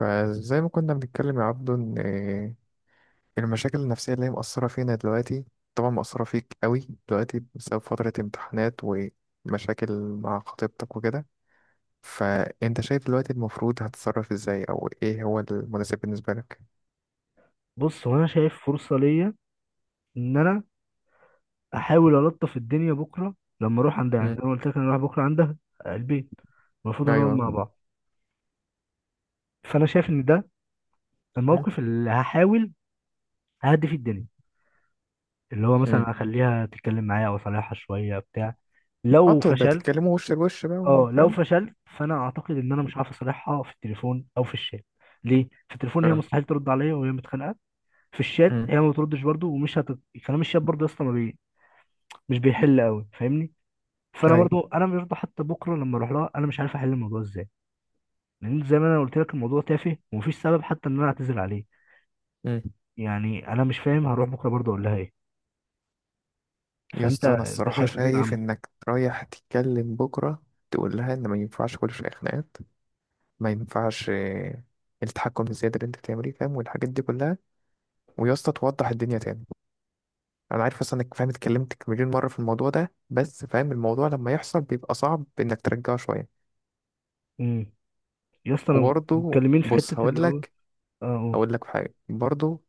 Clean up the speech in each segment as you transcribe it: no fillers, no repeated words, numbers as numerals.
فزي ما كنا بنتكلم يا عبدو ان المشاكل النفسية اللي هي مأثرة فينا دلوقتي، طبعا مأثرة فيك قوي دلوقتي بسبب فترة امتحانات ومشاكل مع خطيبتك وكده. فانت شايف دلوقتي المفروض هتتصرف ازاي، او ايه هو المناسب بالنسبة لك؟ بص، هو انا شايف فرصه ليا ان انا احاول الطف الدنيا بكره لما اروح عندها. يعني مم. انا قلت لك انا رايح بكره عندها البيت. المفروض نقعد ايوه. مع بعض. فانا شايف ان ده مم. الموقف اللي هحاول اهدي فيه الدنيا، اللي هو مثلا مم. اخليها تتكلم معايا او اصالحها شويه بتاع. لو انتوا ده فشلت تتكلموا وش لوش بقى اه لو وفاهم. فشلت فانا اعتقد ان انا مش هعرف اصالحها في التليفون او في الشات. ليه؟ في التليفون هي اه. مستحيل ترد عليا وهي متخانقه، في الشات مم. هي ما بتردش برضو كلام الشات برضو يا اسطى ما بي... مش بيحل قوي، فاهمني؟ فانا ايوه. برضو انا برضو حتى بكره لما اروح لها انا مش عارف احل الموضوع ازاي، لان زي ما انا قلت لك الموضوع تافه ومفيش سبب حتى ان انا اعتذر عليه. مم. يعني انا مش فاهم هروح بكره برضو اقول لها ايه. يا فانت اسطى انا انت الصراحة شايف ايه شايف العمل؟ انك رايح تتكلم بكرة، تقول لها ان ما ينفعش كل شوية خناقات، ما ينفعش التحكم الزيادة اللي انت بتعمليه، فاهم، والحاجات دي كلها. ويا اسطى توضح الدنيا تاني. انا عارف اصلا انك فاهم، اتكلمت مليون مرة في الموضوع ده، بس فاهم الموضوع لما يحصل بيبقى صعب انك ترجعه شوية. امم يا اسطى انا وبرضه متكلمين في بص حته اللي هو. اه قول. هقول لك حاجة برضه.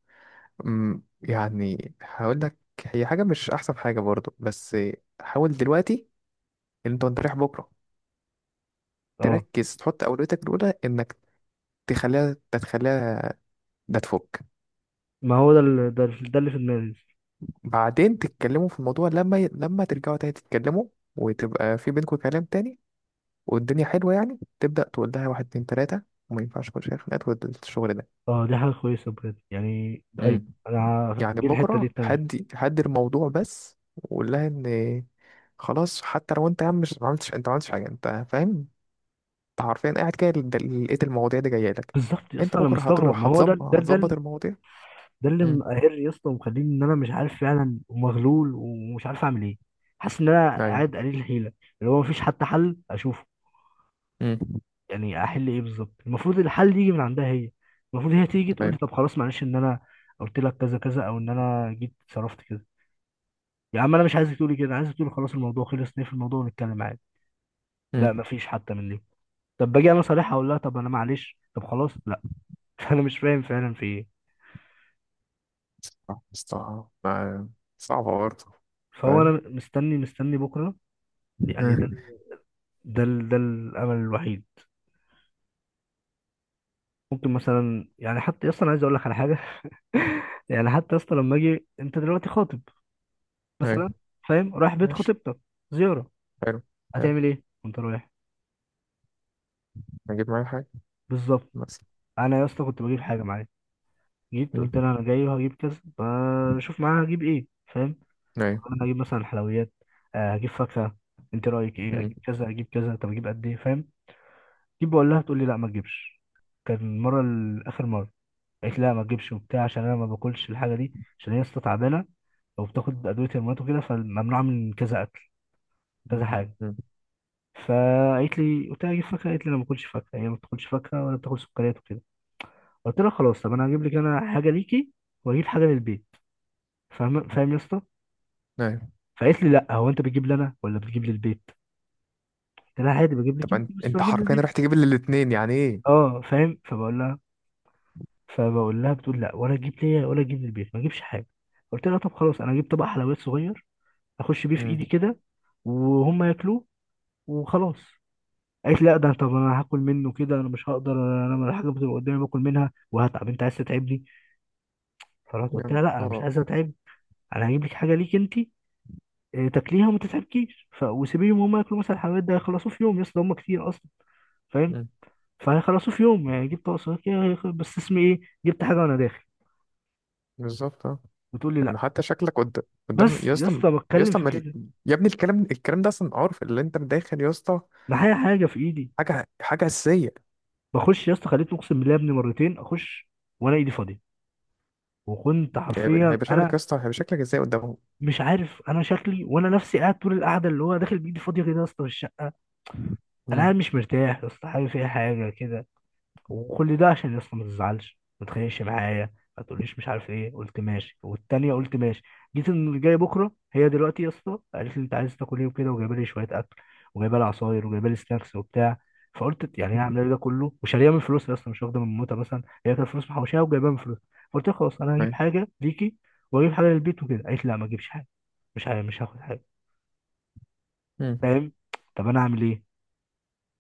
يعني هقول لك. هي حاجة مش احسن حاجة برضه، بس حاول دلوقتي ان انت وانت رايح بكرة اه، تركز، تحط اولويتك الاولى انك تتخليها، ده تفك. ما هو ده اللي في دماغي. بعدين تتكلموا في الموضوع لما لما ترجعوا تاني تتكلموا، وتبقى في بينكم كلام تاني والدنيا حلوة، يعني تبدأ تقول لها واحد اتنين تلاتة، وما ينفعش كل شوية خناقات والشغل ده. اه دي حاجه كويسه بجد، يعني ايوه، امم. انا يعني دي الحته دي بكرة تمام. هدي الموضوع بس، وقول لها ان خلاص، حتى لو انت يا عم مش ما عملتش، انت ما عملتش حاجة، انت فاهم، انت حرفيا قاعد كده لقيت المواضيع دي جاية لك. بالظبط يا انت اسطى انا بكرة مستغرب، ما هتروح، هو هتظبط المواضيع. ده اللي امم. مقهرني يا اسطى ومخليني ان انا مش عارف فعلا ومغلول ومش عارف اعمل ايه. حاسس ان انا ايوه. قاعد قليل الحيله، اللي هو مفيش حتى حل اشوفه. امم. يعني احل ايه بالظبط؟ المفروض الحل يجي من عندها هي. المفروض هي تيجي تقول لي ايوه. طب خلاص معلش، ان انا قلت لك كذا كذا او ان انا جيت صرفت كذا. يا عم انا مش عايزك تقولي كده، عايزك تقولي خلاص الموضوع خلص نقفل الموضوع ونتكلم عادي. امم. لا مفيش حتى من دي. طب باجي انا صريح اقول لها طب انا معلش طب خلاص، لا. فانا مش فاهم فعلا في ايه. صح، صح، صعبة برضه. فهو انا فاهم. مستني بكره يعني. مم. ده الامل الوحيد. ممكن مثلا يعني حتى اصلا عايز اقول لك على حاجه. يعني حتى اصلا لما اجي، انت دلوقتي خاطب أيوة. مثلا، فاهم، رايح بيت ماشي. خطيبتك زياره، حلو. حلو. هتعمل ايه وانت رايح؟ هجيب معايا حاجة بالظبط. مثلا. انا يا اسطى كنت بجيب حاجه معايا، جيت مم. قلت لها انا جاي وهجيب كذا، بشوف معاها هجيب ايه، فاهم؟ أيوة. انا هجيب مثلا حلويات، هجيب فاكهه، انت رايك ايه، مم. اجيب كذا اجيب كذا، طب اجيب قد ايه، فاهم؟ جيب، بقول لها تقول لي لا ما تجيبش. كان المره الاخر مره قالت لا ما تجيبش وبتاع عشان انا ما باكلش الحاجه دي عشان هي لسه تعبانه او بتاخد ادويه هرمونات وكده فممنوعه من كذا اكل كذا حاجه. مم. فقالت لي، قلت لها اجيب فاكهه، قالت لي انا ما باكلش فاكهه، هي ما بتاكلش فاكهه ولا بتاكل سكريات وكده. قلت لها خلاص طب انا هجيب لك انا حاجه ليكي واجيب حاجه للبيت، فاهم يا اسطى. أيوة. فقالت لي لا، هو انت بتجيب لي انا ولا بتجيب للبيت؟ قلت لها عادي بجيب لك طب انت بس أنت بجيب حرفيا للبيت. رايح تجيب لي الاتنين، يعني إيه؟ اه فاهم. فبقول لها بتقول لا، ولا تجيب ليا ولا تجيب للبيت ما اجيبش حاجه. قلت لها طب خلاص انا اجيب طبق حلويات صغير، اخش بيه في مم. ايدي كده وهم ياكلوه وخلاص. قالت لا ده طب انا هاكل منه كده، انا مش هقدر، انا لما الحاجه بتبقى قدامي باكل منها وهتعب، انت عايز تتعبني؟ فرحت قلت يعني لها لا انا مش أه. عايز اتعب، انا هجيب لك حاجه ليك انت، تاكليها وما تتعبكيش وسيبيهم هم ياكلوا مثلا الحلويات ده هيخلصوه في يوم يا اسطى هم كتير اصلا، فاهم. مم. فهيخلصووا في يوم، يعني جبت اقصى، بس اسمي ايه، جبت حاجه وانا داخل، بالظبط أه. بتقول لي لا، يعني حتى شكلك قدام يا بس يا اسطى. اسطى يا بتكلم اسطى في ما ال- كده، يا ابني الكلام ده أصلا، عارف اللي أنت داخل يا اسطى، معايا حاجه في ايدي حاجة أساسية. بخش يا اسطى. خليتني اقسم بالله يا ابني مرتين اخش وانا ايدي فاضيه، وكنت يعني حرفيا هيبقى شكلك انا يا اسطى، هيبقى شكلك إزاي قدامهم؟ مش عارف انا شكلي، وانا نفسي قاعد طول القعده اللي هو داخل بايدي فاضيه كده يا اسطى في الشقه. انا مم. قاعد مش مرتاح يا اسطى، حابب فيها حاجه كده، وكل ده عشان يا اسطى ما تزعلش ما تخانقش معايا، ما تقوليش مش عارف ايه، قلت ماشي والتانية قلت ماشي. جيت اللي جاي بكره، هي دلوقتي يا اسطى قالت لي انت عايز تاكل ايه وكده وجايبه لي شويه اكل وجايبه لي عصاير وجايبه لي سناكس وبتاع. فقلت يعني هي مم. عامله لي ده كله وشاريه من فلوسها اصلا، مش واخده من موتها مثلا، هي كانت فلوس محوشاها وجايبها من فلوسها. فقلت لها خلاص انا هجيب أيوة. حاجه ليكي واجيب حاجه للبيت وكده، قالت لي لا ما اجيبش حاجه مش هاخد حاجه، مم. فاهم. طب انا اعمل ايه؟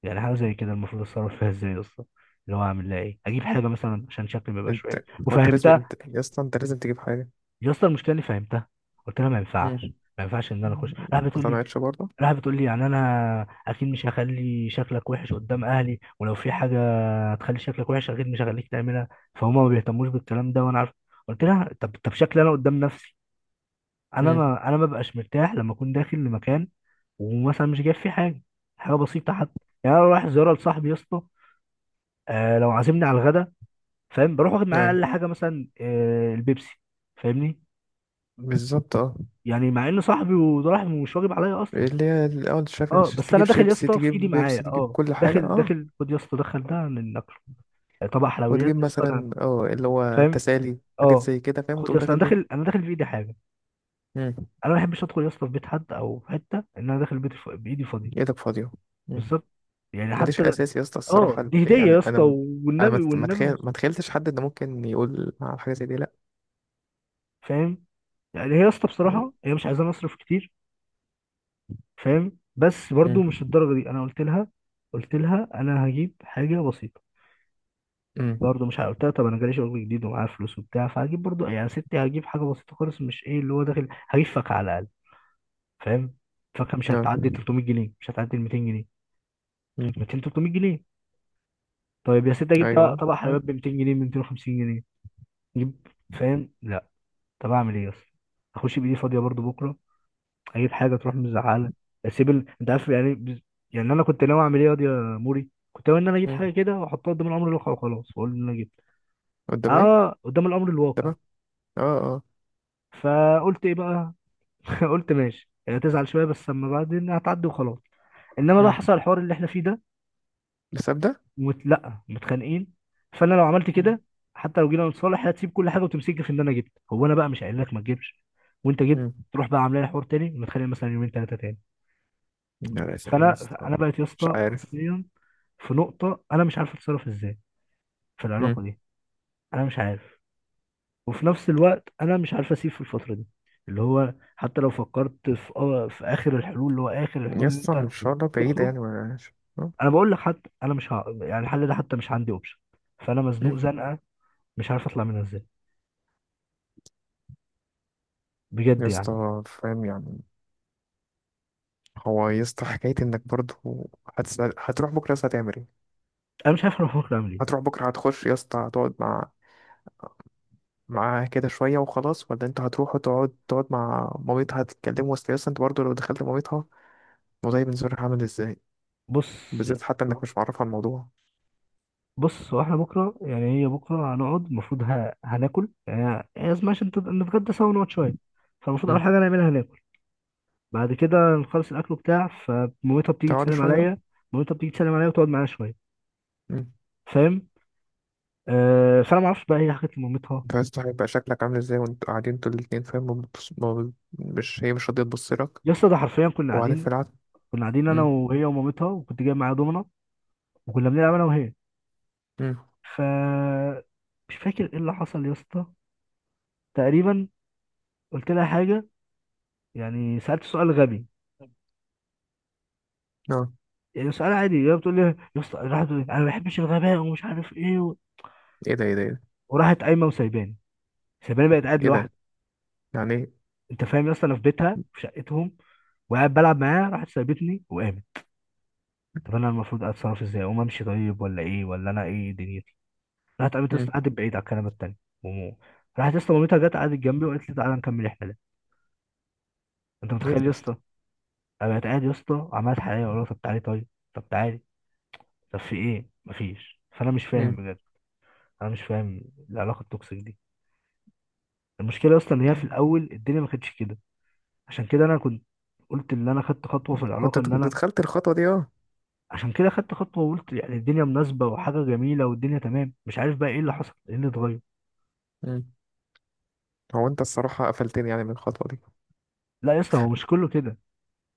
يعني حاجه زي كده المفروض اتصرف فيها ازاي يا اسطى؟ اللي هو اعمل لها ايه اجيب حاجه مثلا عشان شكلي ما يبقاش وحش أنت هو أنت لازم وفهمتها. أنت يا اسطى، أنت لازم تجيب حاجة. يا اسطى المشكله اني فهمتها، قلت لها ما ينفعش مم. ما ينفعش ان انا اخش، راح بتقول لي اقتنعتش برضه. راح بتقول لي يعني انا اكيد مش هخلي شكلك وحش قدام اهلي، ولو في حاجه هتخلي شكلك وحش اكيد مش هخليك تعملها، فهما ما بيهتموش بالكلام ده وانا عارف. قلت لها طب شكلي انا قدام نفسي، انا مم. ما انا ما ببقاش مرتاح لما اكون داخل لمكان ومثلا مش جايب فيه حاجه، حاجه بسيطه حتى. يعني انا رايح زياره لصاحبي يا اسطى، لو عازمني على الغدا فاهم بروح واخد معايا اقل ايوه. حاجه مثلا البيبسي، فاهمني، بالظبط اه. يعني مع ان صاحبي وده راح مش واجب عليا اصلا. اللي هي الاول اه شايف. بس انا تجيب داخل يا شيبسي، اسطى في ايدي تجيب بيبسي، معايا تجيب كل حاجه، داخل اه. داخل، خد يا اسطى دخل ده من ناكله، طبق حلويات وتجيب يا اسطى انا، مثلا اه اللي هو فاهم تسالي، حاجات اه. زي كده، فاهم، خد يا وتقوم اسطى داخل انا داخل بيه. انا داخل في ايدي حاجه. مم. انا ما بحبش ادخل يا اسطى في بيت حد او في حته ان انا داخل بيت بايدي فاضيه. ايدك فاضيه. مم. بالظبط، يعني ماليش حتى اساس يا اسطى اه الصراحه، دي هديه يعني يا اسطى، انا والنبي والنبي ما تخيلتش حد انه ممكن يقول على حاجه زي دي، لا. فاهم. يعني هي يا اسطى مم. بصراحه هي مش عايزه نصرف كتير، فاهم، بس مم. برضو مش الدرجه دي، انا قلت لها انا هجيب حاجه بسيطه، مم. برضو مش ع- قلت لها طب انا جالي شغل جديد ومعايا فلوس وبتاع فهجيب برضو، يعني ستي هجيب حاجه بسيطه خالص مش ايه اللي هو داخل هجيب فاكهه على الاقل فاهم، فاكهه مش نعم. هتعدي 300 جنيه، مش هتعدي 200 جنيه، مم. 200 300 جنيه. طيب يا ستي اجيب طبق ايوه طبق حلويات عارف. ب 200 جنيه ب 250 جنيه، اجيب، فاهم، لا. طب اعمل ايه اصلا؟ اخش بايدي فاضيه برضو بكره، اي حاجه تروح مزعله. انت عارف يعني يعني انا كنت ناوي اعمل ايه يا واد يا موري، كنت ناوي ان انا اجيب مم. حاجه كده واحطها قدام الامر الواقع وخلاص واقول ان انا جبت. قدام ايه؟ اه قدام الامر الواقع. تمام. اه، اه. فقلت ايه بقى؟ قلت ماشي يعني هتزعل شويه بس اما بعدين هتعدي وخلاص. انما بقى مم. حصل الحوار اللي احنا فيه ده الحساب ده. لا متخانقين، فانا لو عملت كده حتى لو جينا نتصالح هتسيب كل حاجه وتمسكني في ان انا جبت، هو انا بقى مش قايل لك ما تجيبش وانت جبت؟ مم. تروح بقى عاملين حوار تاني ونتخانق مثلا يومين ثلاثه تاني. لا، لا، فانا يسطا. بقيت يا مش اسطى عارف. حرفيا في نقطه انا مش عارف اتصرف ازاي في مم. العلاقه دي. انا مش عارف، وفي نفس الوقت انا مش عارف اسيب في الفتره دي، اللي هو حتى لو فكرت في اخر الحلول، اللي هو اخر الحلول ان يسطا انت الشهرة بعيدة تخرج. يعني ملهاش. انا بقول لك حتى انا مش ه... يعني الحل ده حتى مش عندي اوبشن. فانا مزنوق زنقه مش عارف اطلع منها ازاي بجد يعني. يسطا فاهم يعني. هو يسطا حكاية انك برضه هتسأل، هتروح بكرة يسطا هتعمل ايه؟ انا مش عارف انا بفكر اعمل ايه. هتروح بكرة هتخش يسطا، هتقعد معاها كده شوية وخلاص، ولا انت هتروح وتقعد مع مامتها هتتكلموا؟ اصل يسطا انت برضه لو دخلت مامتها، الموضوع بالنسبة لها عامل ازاي، بص يا بالذات حتى انك اسطى مش معرفها الموضوع. هو احنا بكره، يعني هي بكره هنقعد المفروض هناكل، يعني هي اسمها عشان تبقى نتغدى سوا ونقعد شويه، فالمفروض اول مم. حاجه نعملها هناكل، بعد كده نخلص الاكل بتاع، فمامتها بتيجي تقعدوا تسلم شوية. عليا، وتقعد معايا شويه، مم. فاهم. فانا ما اعرفش بقى هي حكت لمامتها. انت عايز تعرف يبقى شكلك عامل ازاي وانتوا قاعدين انتوا الاتنين، فاهم، ما بتبص- ما ب- مش، هي مش راضية تبص لك، يا اسطى ده حرفيا كنا وبعدين في قاعدين العكس. كنا قاعدين انا مم. وهي ومامتها، وكنت جايب معايا دومنه وكنا بنلعب انا وهي، مم. ف مش فاكر ايه اللي حصل يا اسطى. تقريبا قلت لها حاجه، يعني سالت سؤال غبي، اه. يعني سؤال عادي، هي بتقول لي، يا اسطى راحت تقول لي انا ما بحبش الغباء ومش عارف ايه ايه ده، ايه ده، ايه ده؟ وراحت قايمه وسايباني، سايباني بقت قاعد ايه لوحدي. ده؟ يعني ايه؟ انت فاهم يا اسطى، انا في بيتها في شقتهم وقاعد بلعب معاها راحت سايبتني وقامت. طب انا المفروض اتصرف ازاي، اقوم امشي طيب ولا ايه، ولا انا ايه دنيتي؟ راحت قامت يا اسطى مم. قعدت بعيد على الكنبه التانيه، ومو راحت يا اسطى مامتها جت قعدت جنبي وقالت لي تعالى نكمل الحلقه. انت ايه ده متخيل يا يا اسطى؟ اسطى؟ انا بقيت قاعد يا اسطى، عملت حلقه ولا طب تعالي طيب، طب تعالي، طب في ايه؟ مفيش، فانا مش فاهم مم. بجد. انا مش فاهم العلاقه التوكسيك دي. المشكله اصلا ان هي في مم. الاول الدنيا ما كانتش كده، عشان كده انا كنت قلت ان انا خدت خطوه في العلاقه، ان كنت انا دخلت الخطوة دي اه. عشان كده خدت خطوه وقلت يعني الدنيا مناسبه وحاجه جميله والدنيا تمام، مش عارف بقى ايه اللي حصل ايه اللي اتغير. مم. هو انت الصراحة قفلتني يعني من الخطوة دي. لا يا اسطى هو مش كله كده،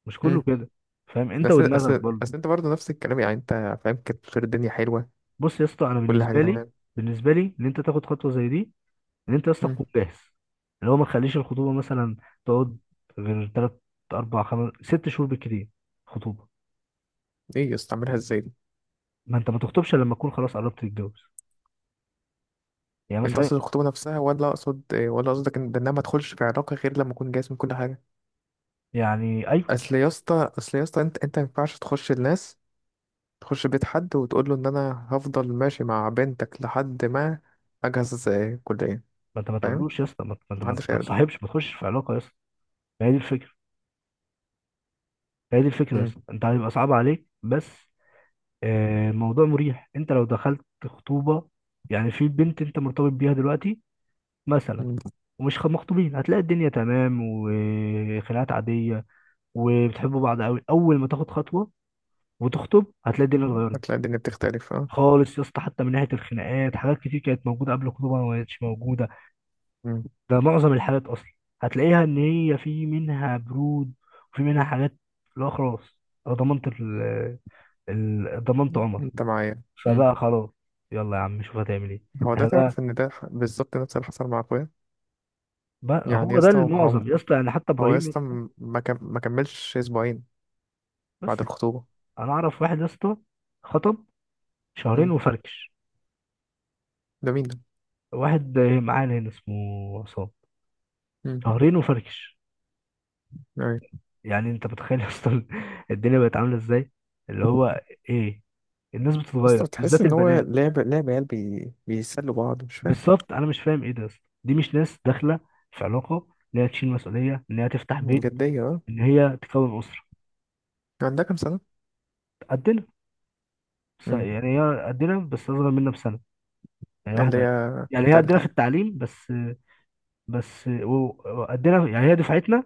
مش كله مم. كده، فاهم، انت بس، بس، ودماغك برضه. بس، انت برضه نفس الكلام، يعني انت فاهم كانت بتصير الدنيا حلوة، بص يا اسطى، انا كل حاجة بالنسبه لي تمام. بالنسبه لي ان انت تاخد خطوه زي دي، ان انت يا اسطى مم. تكون جاهز، اللي هو ما تخليش الخطوبه مثلا تقعد غير تلات اربع خمس ست شهور بالكتير خطوبه. ايه يا اسطى عاملها ازاي دي؟ ما انت ما تخطبش إلا لما تكون خلاص قربت تتجوز، يعني انت مثلا، قصد الخطوبة نفسها، ولا اقصد ولا قصدك ان ده ان انا ما ادخلش في علاقة غير لما اكون جاهز من كل حاجة؟ يعني ايوه. اصل يا اسطى انت ما ينفعش تخش الناس، تخش بيت حد وتقول له ان انا هفضل ماشي مع بنتك لحد ما اجهز كلية. ما انت ما فاهم، تقولوش يا اسطى محدش ما هيرضى. تصاحبش ما تخشش في علاقه يا اسطى. هي دي الفكره، هي دي الفكره يا مم. اسطى، انت هيبقى صعب عليك بس، الموضوع مريح، انت لو دخلت خطوبه يعني في بنت انت مرتبط بيها دلوقتي مثلا، مم. ومش مخطوبين، هتلاقي الدنيا تمام وخناقات عاديه وبتحبوا بعض قوي. اول ما تاخد خطوه وتخطب هتلاقي الدنيا اتغيرت هتلاقي الدنيا بتختلف اه. خالص يا اسطى، حتى من ناحيه الخناقات حاجات كتير كانت موجوده قبل الخطوبه ما بقتش موجوده. مم. ده معظم الحالات اصلا، هتلاقيها ان هي في منها برود وفي منها حاجات، لا خلاص، انا ضمنت عمر، انت معايا. مم. فبقى خلاص، يلا يا عم شوف هتعمل ايه. هو ده، احنا بقى, تعرف ان بالظبط نفس اللي حصل مع اخويا. بقى يعني يا هو ده اسطى هو، المعظم يا اسطى، يعني حتى هو يا ابراهيم يا اسطى اسطى. ما كملش اسبوعين بس بعد الخطوبة. انا اعرف واحد يا اسطى خطب شهرين مم. وفركش، ده مين ده؟ واحد معانا هنا اسمه عصام، مم. شهرين وفركش. أيوة. يا يعني انت متخيل يا اسطى الدنيا بقت عامله ازاي، اللي هو ايه، الناس اسطى بتتغير تحس بالذات ان هو البنات. لعب عيال بيسلوا بعض، مش فاهم. بالظبط انا مش فاهم ايه ده يا اسطى. دي مش ناس داخله في علاقه ان هي تشيل مسؤوليه، ان هي تفتح بيت، جدية اه. ان هي تكون اسره. عندها كام سنة؟ قدنا، بس مم. يعني هي قدنا بس اصغر منا بسنه، يعني اللي واحده، هي يعني هي تالتة قدنا في يعني. التعليم بس، بس وقدنا يعني هي دفعتنا،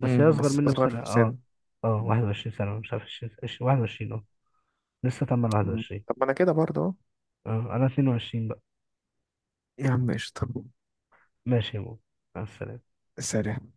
بس هي مم. اصغر بس منا أصغر بسنه، في اه. السن. اه 21 سنه، مش عارف 20 21 اه، لسه تم ال مم. 21. طب ما أنا كده برضه أهو. اه انا 22 بقى. يا عم قشطة. ماشي يا مو، مع السلامه. سلام.